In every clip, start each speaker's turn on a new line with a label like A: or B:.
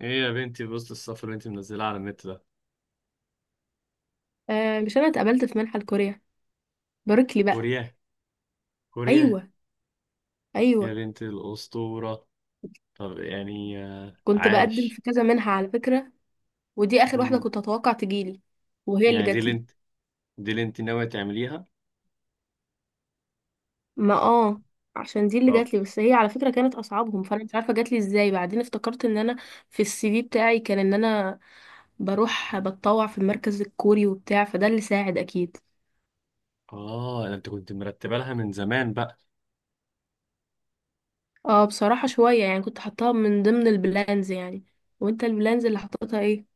A: ايه يا بنتي بوست السفر اللي انت منزلها على النت ده.
B: آه، مش انا اتقبلت في منحة لكوريا. باركلي بقى.
A: كوريا؟ كوريا؟
B: ايوه،
A: يا
B: ايوه.
A: بنت الأسطورة. طب يعني
B: كنت بقدم
A: عاش.
B: في كذا منحة على فكرة، ودي اخر واحدة
A: مم.
B: كنت اتوقع تجيلي وهي اللي
A: يعني دي اللي
B: جاتلي.
A: انت ناوية تعمليها؟
B: ما اه عشان دي اللي
A: طب
B: جاتلي، بس هي على فكرة كانت اصعبهم، فانا مش عارفة جاتلي ازاي. بعدين افتكرت ان انا في السي في بتاعي كان ان انا بروح بتطوع في المركز الكوري وبتاع، فده اللي ساعد اكيد.
A: اه ده انت كنت مرتبة لها من زمان بقى.
B: اه بصراحة شوية يعني، كنت حطاها من ضمن البلانز يعني. وانت البلانز اللي حطيتها ايه؟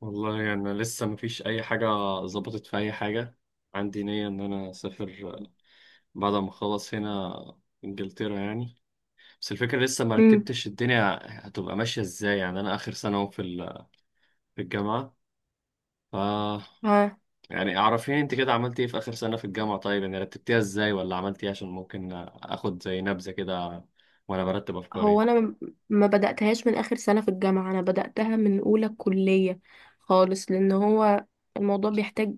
A: والله يعني انا لسه مفيش اي حاجة ظبطت في اي حاجة. عندي نية ان انا اسافر بعد ما اخلص هنا، انجلترا يعني. بس الفكرة لسه مرتبتش الدنيا هتبقى ماشية ازاي. يعني انا اخر سنة اهو في الجامعة.
B: امم.
A: يعني اعرفيني انت كده عملتي ايه في اخر سنة في الجامعة، طيب يعني رتبتيها ازاي ولا عملتي ايه عشان ممكن اخد زي نبذة كده وانا برتب
B: هو
A: افكاري.
B: انا م- ما بدأتهاش من اخر سنة في الجامعة، انا بدأتها من اولى كلية خالص، لان هو الموضوع بيحتاج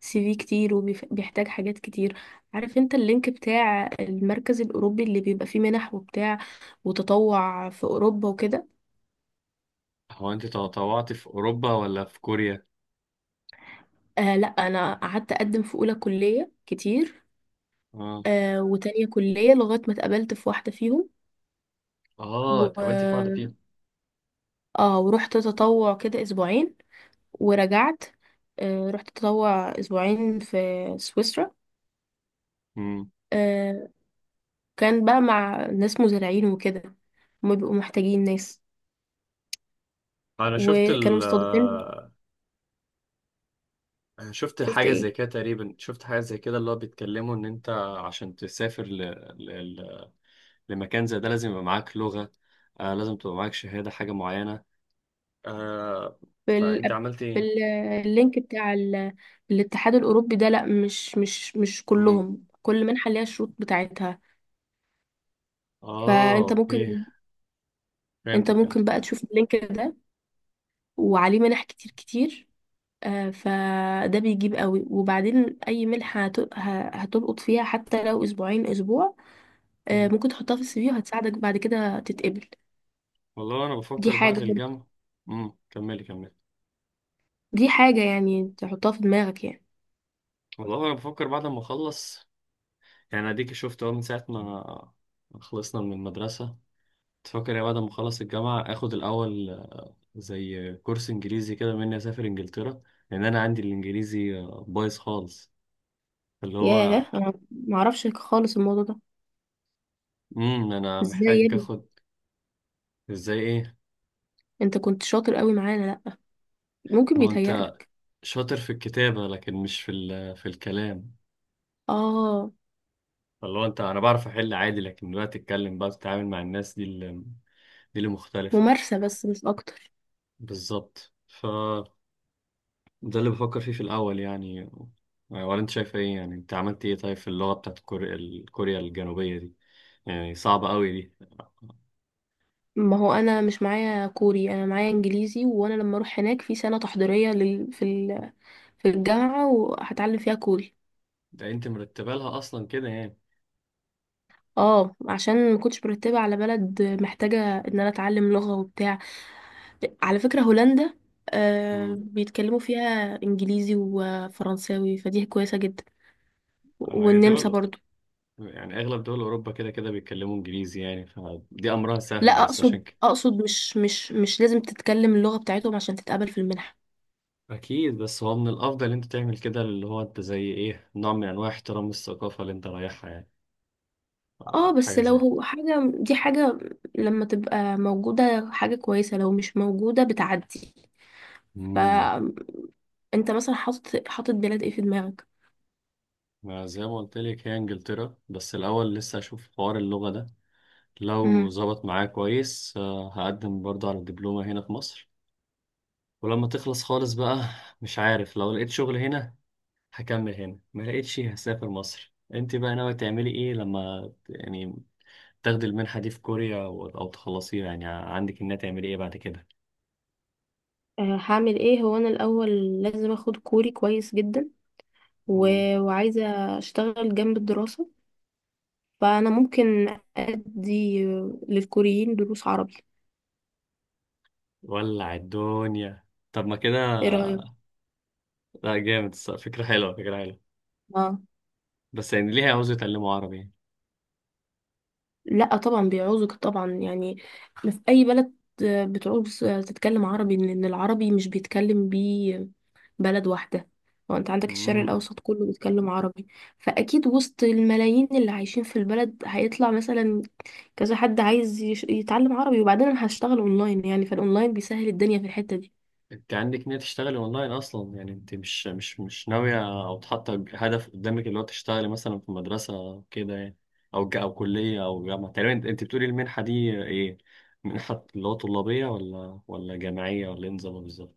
B: سي في كتير وبيحتاج حاجات كتير. عارف انت اللينك بتاع المركز الاوروبي اللي بيبقى فيه منح وبتاع، وتطوع في اوروبا وكده.
A: هو انت تطوعتي في اوروبا ولا في كوريا؟
B: آه لا، انا قعدت اقدم في اولى كلية كتير،
A: اه،
B: وتانية كلية، لغاية ما اتقبلت في واحدة فيهم
A: اه
B: و...
A: اتقابلت في واحدة فيهم.
B: اه، ورحت تطوع كده اسبوعين ورجعت. رحت اتطوع اسبوعين في سويسرا.
A: امم،
B: آه، كان بقى مع ناس مزارعين وكده، هما بيبقوا محتاجين ناس
A: انا شفت
B: وكانوا
A: ال
B: مستضيفين.
A: شفت
B: شفت
A: حاجة زي
B: ايه؟
A: كده تقريبا، شفت حاجة زي كده اللي هو بيتكلموا ان انت عشان تسافر ل... ل- لمكان زي ده لازم يبقى معاك لغة، لازم تبقى معاك شهادة حاجة معينة، آه.
B: في
A: فانت
B: ال...
A: عملت
B: في
A: ايه؟
B: ال- اللينك بتاع الاتحاد الاوروبي ده، لا، مش
A: أمم.
B: كلهم، كل منحه ليها الشروط بتاعتها.
A: اه
B: فانت
A: اوكي،
B: ممكن انت
A: فهمتك فهمتك.
B: ممكن بقى تشوف اللينك ده، وعليه منح كتير كتير. فده بيجيب قوي، وبعدين اي ملح هتلقط فيها حتى لو اسبوعين، اسبوع.
A: مم.
B: ممكن تحطها في السي في وهتساعدك بعد كده تتقبل.
A: والله انا
B: دي
A: بفكر بعد
B: حاجة
A: الجامعه. امم، كملي كملي.
B: دي حاجة يعني تحطها في دماغك يعني.
A: والله انا بفكر بعد ما اخلص، يعني اديك شفت اهو من ساعه ما خلصنا من المدرسه تفكر يا بعد ما اخلص الجامعه اخد الاول زي كورس انجليزي كده مني اسافر انجلترا، لان انا عندي الانجليزي بايظ خالص، اللي هو
B: ياه، انا معرفش خالص الموضوع ده.
A: امم. انا
B: ازاي يا
A: محتاج
B: ابني؟
A: اخد. ازاي ايه؟
B: انت كنت شاطر قوي معانا، لا ممكن
A: ما هو انت
B: بيتهيألك.
A: شاطر في الكتابه لكن مش في الكلام،
B: اه،
A: اللي هو انت انا بعرف احل عادي لكن دلوقتي اتكلم بقى تتعامل مع الناس دي، دي اللي مختلفة.
B: ممارسة بس مش اكتر.
A: بالظبط، فده اللي بفكر فيه في الأول يعني. ولا أنت شايف إيه يعني؟ أنت عملت إيه طيب في اللغة بتاعت كوريا، الكوريا الجنوبية دي؟ يعني صعبة أوي دي؟
B: ما هو انا مش معايا كوري، انا معايا انجليزي، وانا لما اروح هناك في سنة تحضيرية في الجامعة وهتعلم فيها كوري.
A: ده أنت مرتبة لها أصلا كده يعني.
B: اه، عشان ما كنتش مرتبه على بلد محتاجه ان انا اتعلم لغه وبتاع. على فكره هولندا آه
A: مم.
B: بيتكلموا فيها انجليزي وفرنساوي، فدي كويسه جدا.
A: هي
B: والنمسا
A: دول،
B: برضو.
A: يعني أغلب دول أوروبا كده كده بيتكلموا إنجليزي، يعني فدي أمرها سهل
B: لا
A: بس
B: اقصد،
A: عشان كده
B: مش لازم تتكلم اللغه بتاعتهم عشان تتقبل في المنحه.
A: أكيد. بس هو من الأفضل أنت تعمل كده اللي هو أنت زي إيه، نوع من أنواع احترام الثقافة اللي أنت رايحها يعني،
B: اه بس
A: حاجة
B: لو
A: زي.
B: هو حاجه، دي حاجه لما تبقى موجوده حاجه كويسه، لو مش موجوده بتعدي.
A: مم.
B: فانت مثلا حاطط بلاد ايه في دماغك؟
A: ما زي ما قلت لك هي انجلترا بس الاول لسه اشوف حوار اللغه ده، لو ظبط معايا كويس هقدم برضه على الدبلومه هنا في مصر، ولما تخلص خالص بقى مش عارف، لو لقيت شغل هنا هكمل هنا، ما لقيتش هسافر مصر. انت بقى ناوي تعملي ايه لما يعني تاخدي المنحه دي في كوريا او تخلصيها؟ يعني عندك انها تعملي ايه بعد كده؟
B: هعمل ايه. هو انا الاول لازم اخد كوري كويس جدا، و...
A: مم.
B: وعايزه اشتغل جنب الدراسه، فانا ممكن ادي للكوريين دروس عربي.
A: ولع الدنيا، طب ما كده.
B: ايه رايك؟
A: لا جامد الصراحة، فكره حلوه فكره حلوه.
B: اه
A: بس يعني ليه عاوز يتعلموا عربي؟
B: لا طبعا بيعوزك طبعا يعني، في اي بلد بتعوز تتكلم عربي، لان العربي مش بيتكلم بيه بلد واحدة، وانت عندك الشرق
A: امم.
B: الأوسط كله بيتكلم عربي. فأكيد وسط الملايين اللي عايشين في البلد هيطلع مثلا كذا حد عايز يتعلم عربي. وبعدين أنا هشتغل أونلاين يعني، فالأونلاين بيسهل الدنيا في الحتة دي.
A: انت عندك نية تشتغلي اونلاين اصلا يعني؟ انت مش ناوية او حاطة هدف قدامك اللي هو تشتغلي مثلا في مدرسة أو كده يعني، او كلية او جامعة تقريبا؟ انت أنت بتقولي المنحة دي ايه، منحة اللي هو طلابية ولا جامعية ولا ايه نظامها بالظبط؟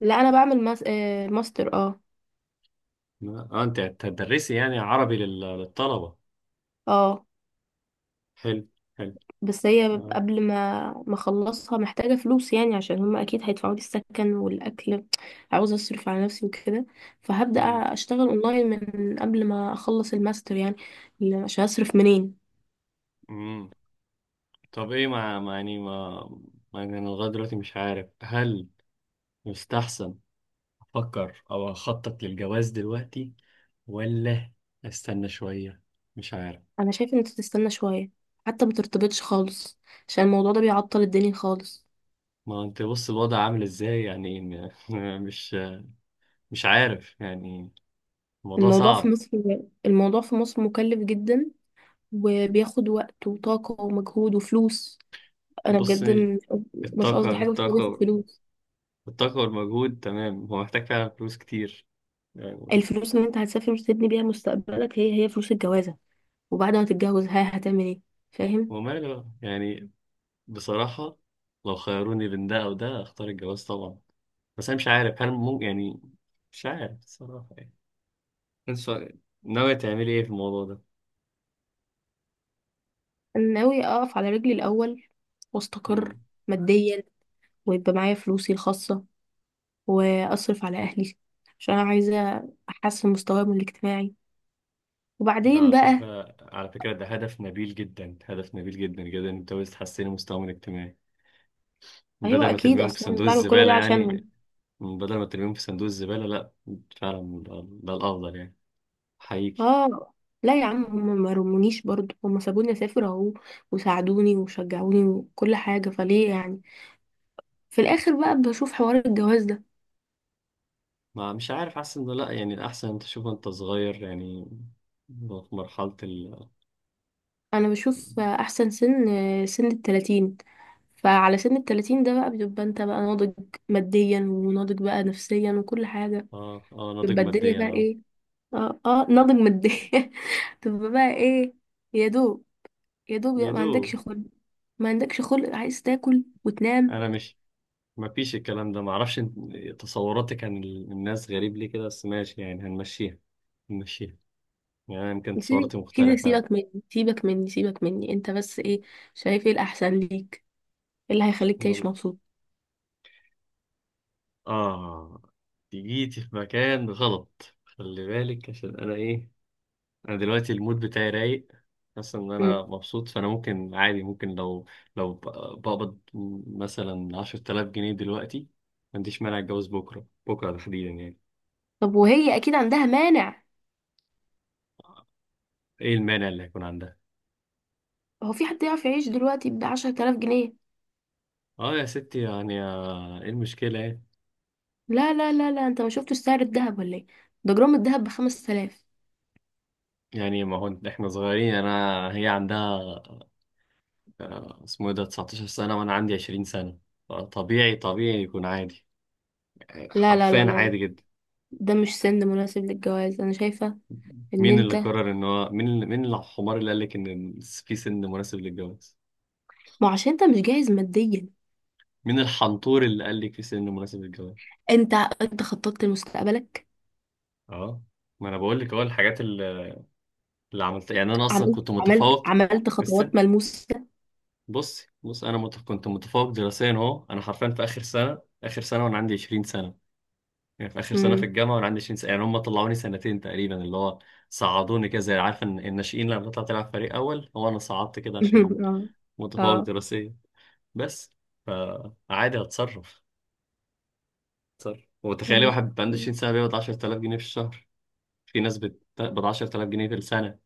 B: لا أنا بعمل ماستر. اه،
A: لا، اه انت هتدرسي يعني عربي للطلبة.
B: اه
A: حلو حلو.
B: بس هي
A: اه.
B: قبل ما أخلصها محتاجة فلوس يعني، عشان هما أكيد هيدفعوا لي السكن والأكل. عاوزة أصرف على نفسي وكده، فهبدأ
A: مم.
B: أشتغل أونلاين من قبل ما أخلص الماستر يعني، عشان أصرف منين.
A: مم. طب ايه ما ما يعني ما ما يعني انا لغاية دلوقتي مش عارف هل يستحسن افكر او اخطط للجواز دلوقتي، ولا استنى شوية؟ مش عارف.
B: انا شايفه ان انت تستنى شويه، حتى ما ترتبطش خالص، عشان الموضوع ده بيعطل الدنيا خالص.
A: ما هو انت بص الوضع عامل ازاي يعني مش مش عارف يعني، الموضوع
B: الموضوع في
A: صعب.
B: مصر الموضوع في مصر مكلف جدا، وبياخد وقت وطاقه ومجهود وفلوس. انا
A: بص،
B: بجد، مش قصدي
A: الطاقة
B: حاجه، بس هو بياخد
A: الطاقة
B: فلوس.
A: الطاقة والمجهود تمام هو محتاج فعلا فلوس كتير يعني.
B: الفلوس اللي انت هتسافر وتبني بيها مستقبلك، هي فلوس الجوازه، وبعد ما تتجوز ها هتعمل ايه؟ فاهم.
A: وماله بقى؟ يعني بصراحة لو خيروني بين ده أو ده أختار الجواز طبعا، بس أنا مش عارف هل ممكن يعني، مش عارف بصراحة يعني. أنت ناوية تعملي إيه في الموضوع
B: انا ناوي اقف على رجلي الاول
A: ده؟
B: واستقر ماديا، ويبقى معايا فلوسي الخاصه، واصرف على اهلي، عشان انا عايزه احسن مستواهم الاجتماعي،
A: ده
B: وبعدين
A: على
B: بقى.
A: فكرة، على فكرة ده هدف نبيل جدا، هدف نبيل جدا جدا انت بس تحسني مستواهم الاجتماعي بدل
B: ايوه
A: ما
B: اكيد،
A: ترميهم في
B: اصلا أنا
A: صندوق
B: بعمل كل
A: الزبالة
B: ده
A: يعني،
B: عشانهم.
A: بدل ما ترميهم في صندوق الزبالة. لا فعلا ده، ده الأفضل يعني، حقيقي.
B: اه. لا يا عم، هم ما رمونيش برضه، هم سابوني اسافر اهو، وساعدوني وشجعوني وكل حاجه، فليه يعني. في الاخر بقى بشوف حوار الجواز ده.
A: ما مش عارف، حاسس انه لا يعني الأحسن انت تشوف، انت صغير يعني، في مرحلة ال.
B: انا بشوف احسن سن 30، فعلى سن 30 ده بقى بتبقى انت بقى ناضج ماديا، وناضج بقى نفسيا وكل حاجه،
A: اه اه، ناضج
B: بتبقى الدنيا
A: ماديا
B: بقى
A: اه،
B: ايه. اه اه ناضج ماديا تبقى بقى ايه؟ يا دوب،
A: يا
B: ما
A: دوب.
B: عندكش خلق. ما عندكش خلق، عايز تاكل وتنام.
A: انا مش، ما فيش الكلام ده ما اعرفش، تصوراتك عن الناس غريب ليه كده، بس ماشي يعني هنمشيها هنمشيها. يعني أنا يمكن
B: يا سيدي،
A: تصوراتي
B: سيدي
A: مختلفة.
B: سيبك مني، سيبك مني، سيبك مني. انت بس ايه شايف ايه الاحسن ليك، ايه اللي هيخليك تعيش
A: والله
B: مبسوط.
A: آه، دي جيتي في مكان غلط خلي بالك عشان أنا إيه، أنا دلوقتي المود بتاعي رايق، حاسس إن أنا
B: مم.
A: مبسوط، فأنا ممكن عادي ممكن لو لو ب- بقبض مثلا عشرة آلاف جنيه دلوقتي ما عنديش مانع أتجوز بكرة، بكرة تحديدا يعني.
B: طب وهي اكيد عندها مانع.
A: إيه المانع اللي هيكون عندها؟
B: هو في حد يعرف يعيش دلوقتي ب 10,000 جنيه؟
A: آه يا ستي يعني إيه المشكلة يعني؟
B: لا لا لا لا، انت ما شفتش سعر الذهب ولا ايه؟ ده جرام الذهب ب 5000.
A: يعني ما هو إحنا صغيرين، أنا هي عندها اسمه إيه ده 19 سنة وأنا عندي 20 سنة، طبيعي طبيعي يكون عادي،
B: لا لا
A: حرفيا
B: لا لا،
A: عادي جدا.
B: ده مش سن مناسب للجواز، انا شايفه ان
A: مين اللي
B: انت،
A: قرر ان هو مين الحمار اللي قال لك ان في سن مناسب للجواز؟
B: ما عشان انت مش جاهز ماديا.
A: مين الحنطور اللي قال لك في سن مناسب للجواز؟
B: انت انت خططت لمستقبلك؟
A: اه، ما انا بقول لك اهو الحاجات اللي، اللي عملتها، يعني انا اصلا كنت متفوق.
B: عملت خطوات
A: استنى،
B: ملموسة؟
A: بص بص انا كنت متفوق دراسيا اهو، انا حرفيا في اخر سنه، اخر سنه وانا عندي 20 سنه، يعني في اخر سنه في
B: امم
A: الجامعه وانا عندي 20 سنه، يعني هم طلعوني سنتين تقريبا، اللي هو صعدوني كده زي، عارف ان الناشئين لما بتطلع تلعب فريق اول، هو انا صعدت كده عشان
B: اه
A: متفوق
B: اه
A: دراسيا بس. فعادي، هتصرف، هتصرف وتخيلي
B: ماشي.
A: واحد عنده 20 سنة بيقبض 10000 جنيه في الشهر. في ناس بتقبض 10000 جنيه في السنة،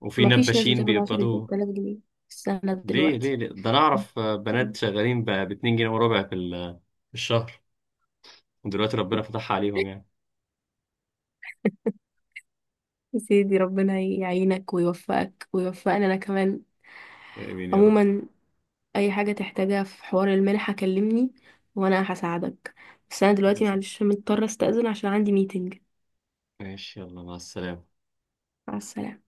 A: وفي
B: مفيش ناس
A: نباشين
B: بتقبض عشرة
A: بيقبضوا.
B: آلاف جنيه في السنة
A: ليه ليه
B: دلوقتي.
A: ليه، ده انا اعرف بنات شغالين ب 2 جنيه وربع في الشهر ودلوقتي ربنا فتحها عليهم يعني.
B: يا سيدي، ربنا يعينك ويوفقك ويوفقنا انا كمان.
A: امين يا رب.
B: عموما اي حاجة تحتاجها في حوار المنحة كلمني وانا هساعدك. بس انا دلوقتي معلش مضطرة استأذن عشان عندي ميتنج.
A: ماشي يلا، مع السلامة.
B: مع السلامة.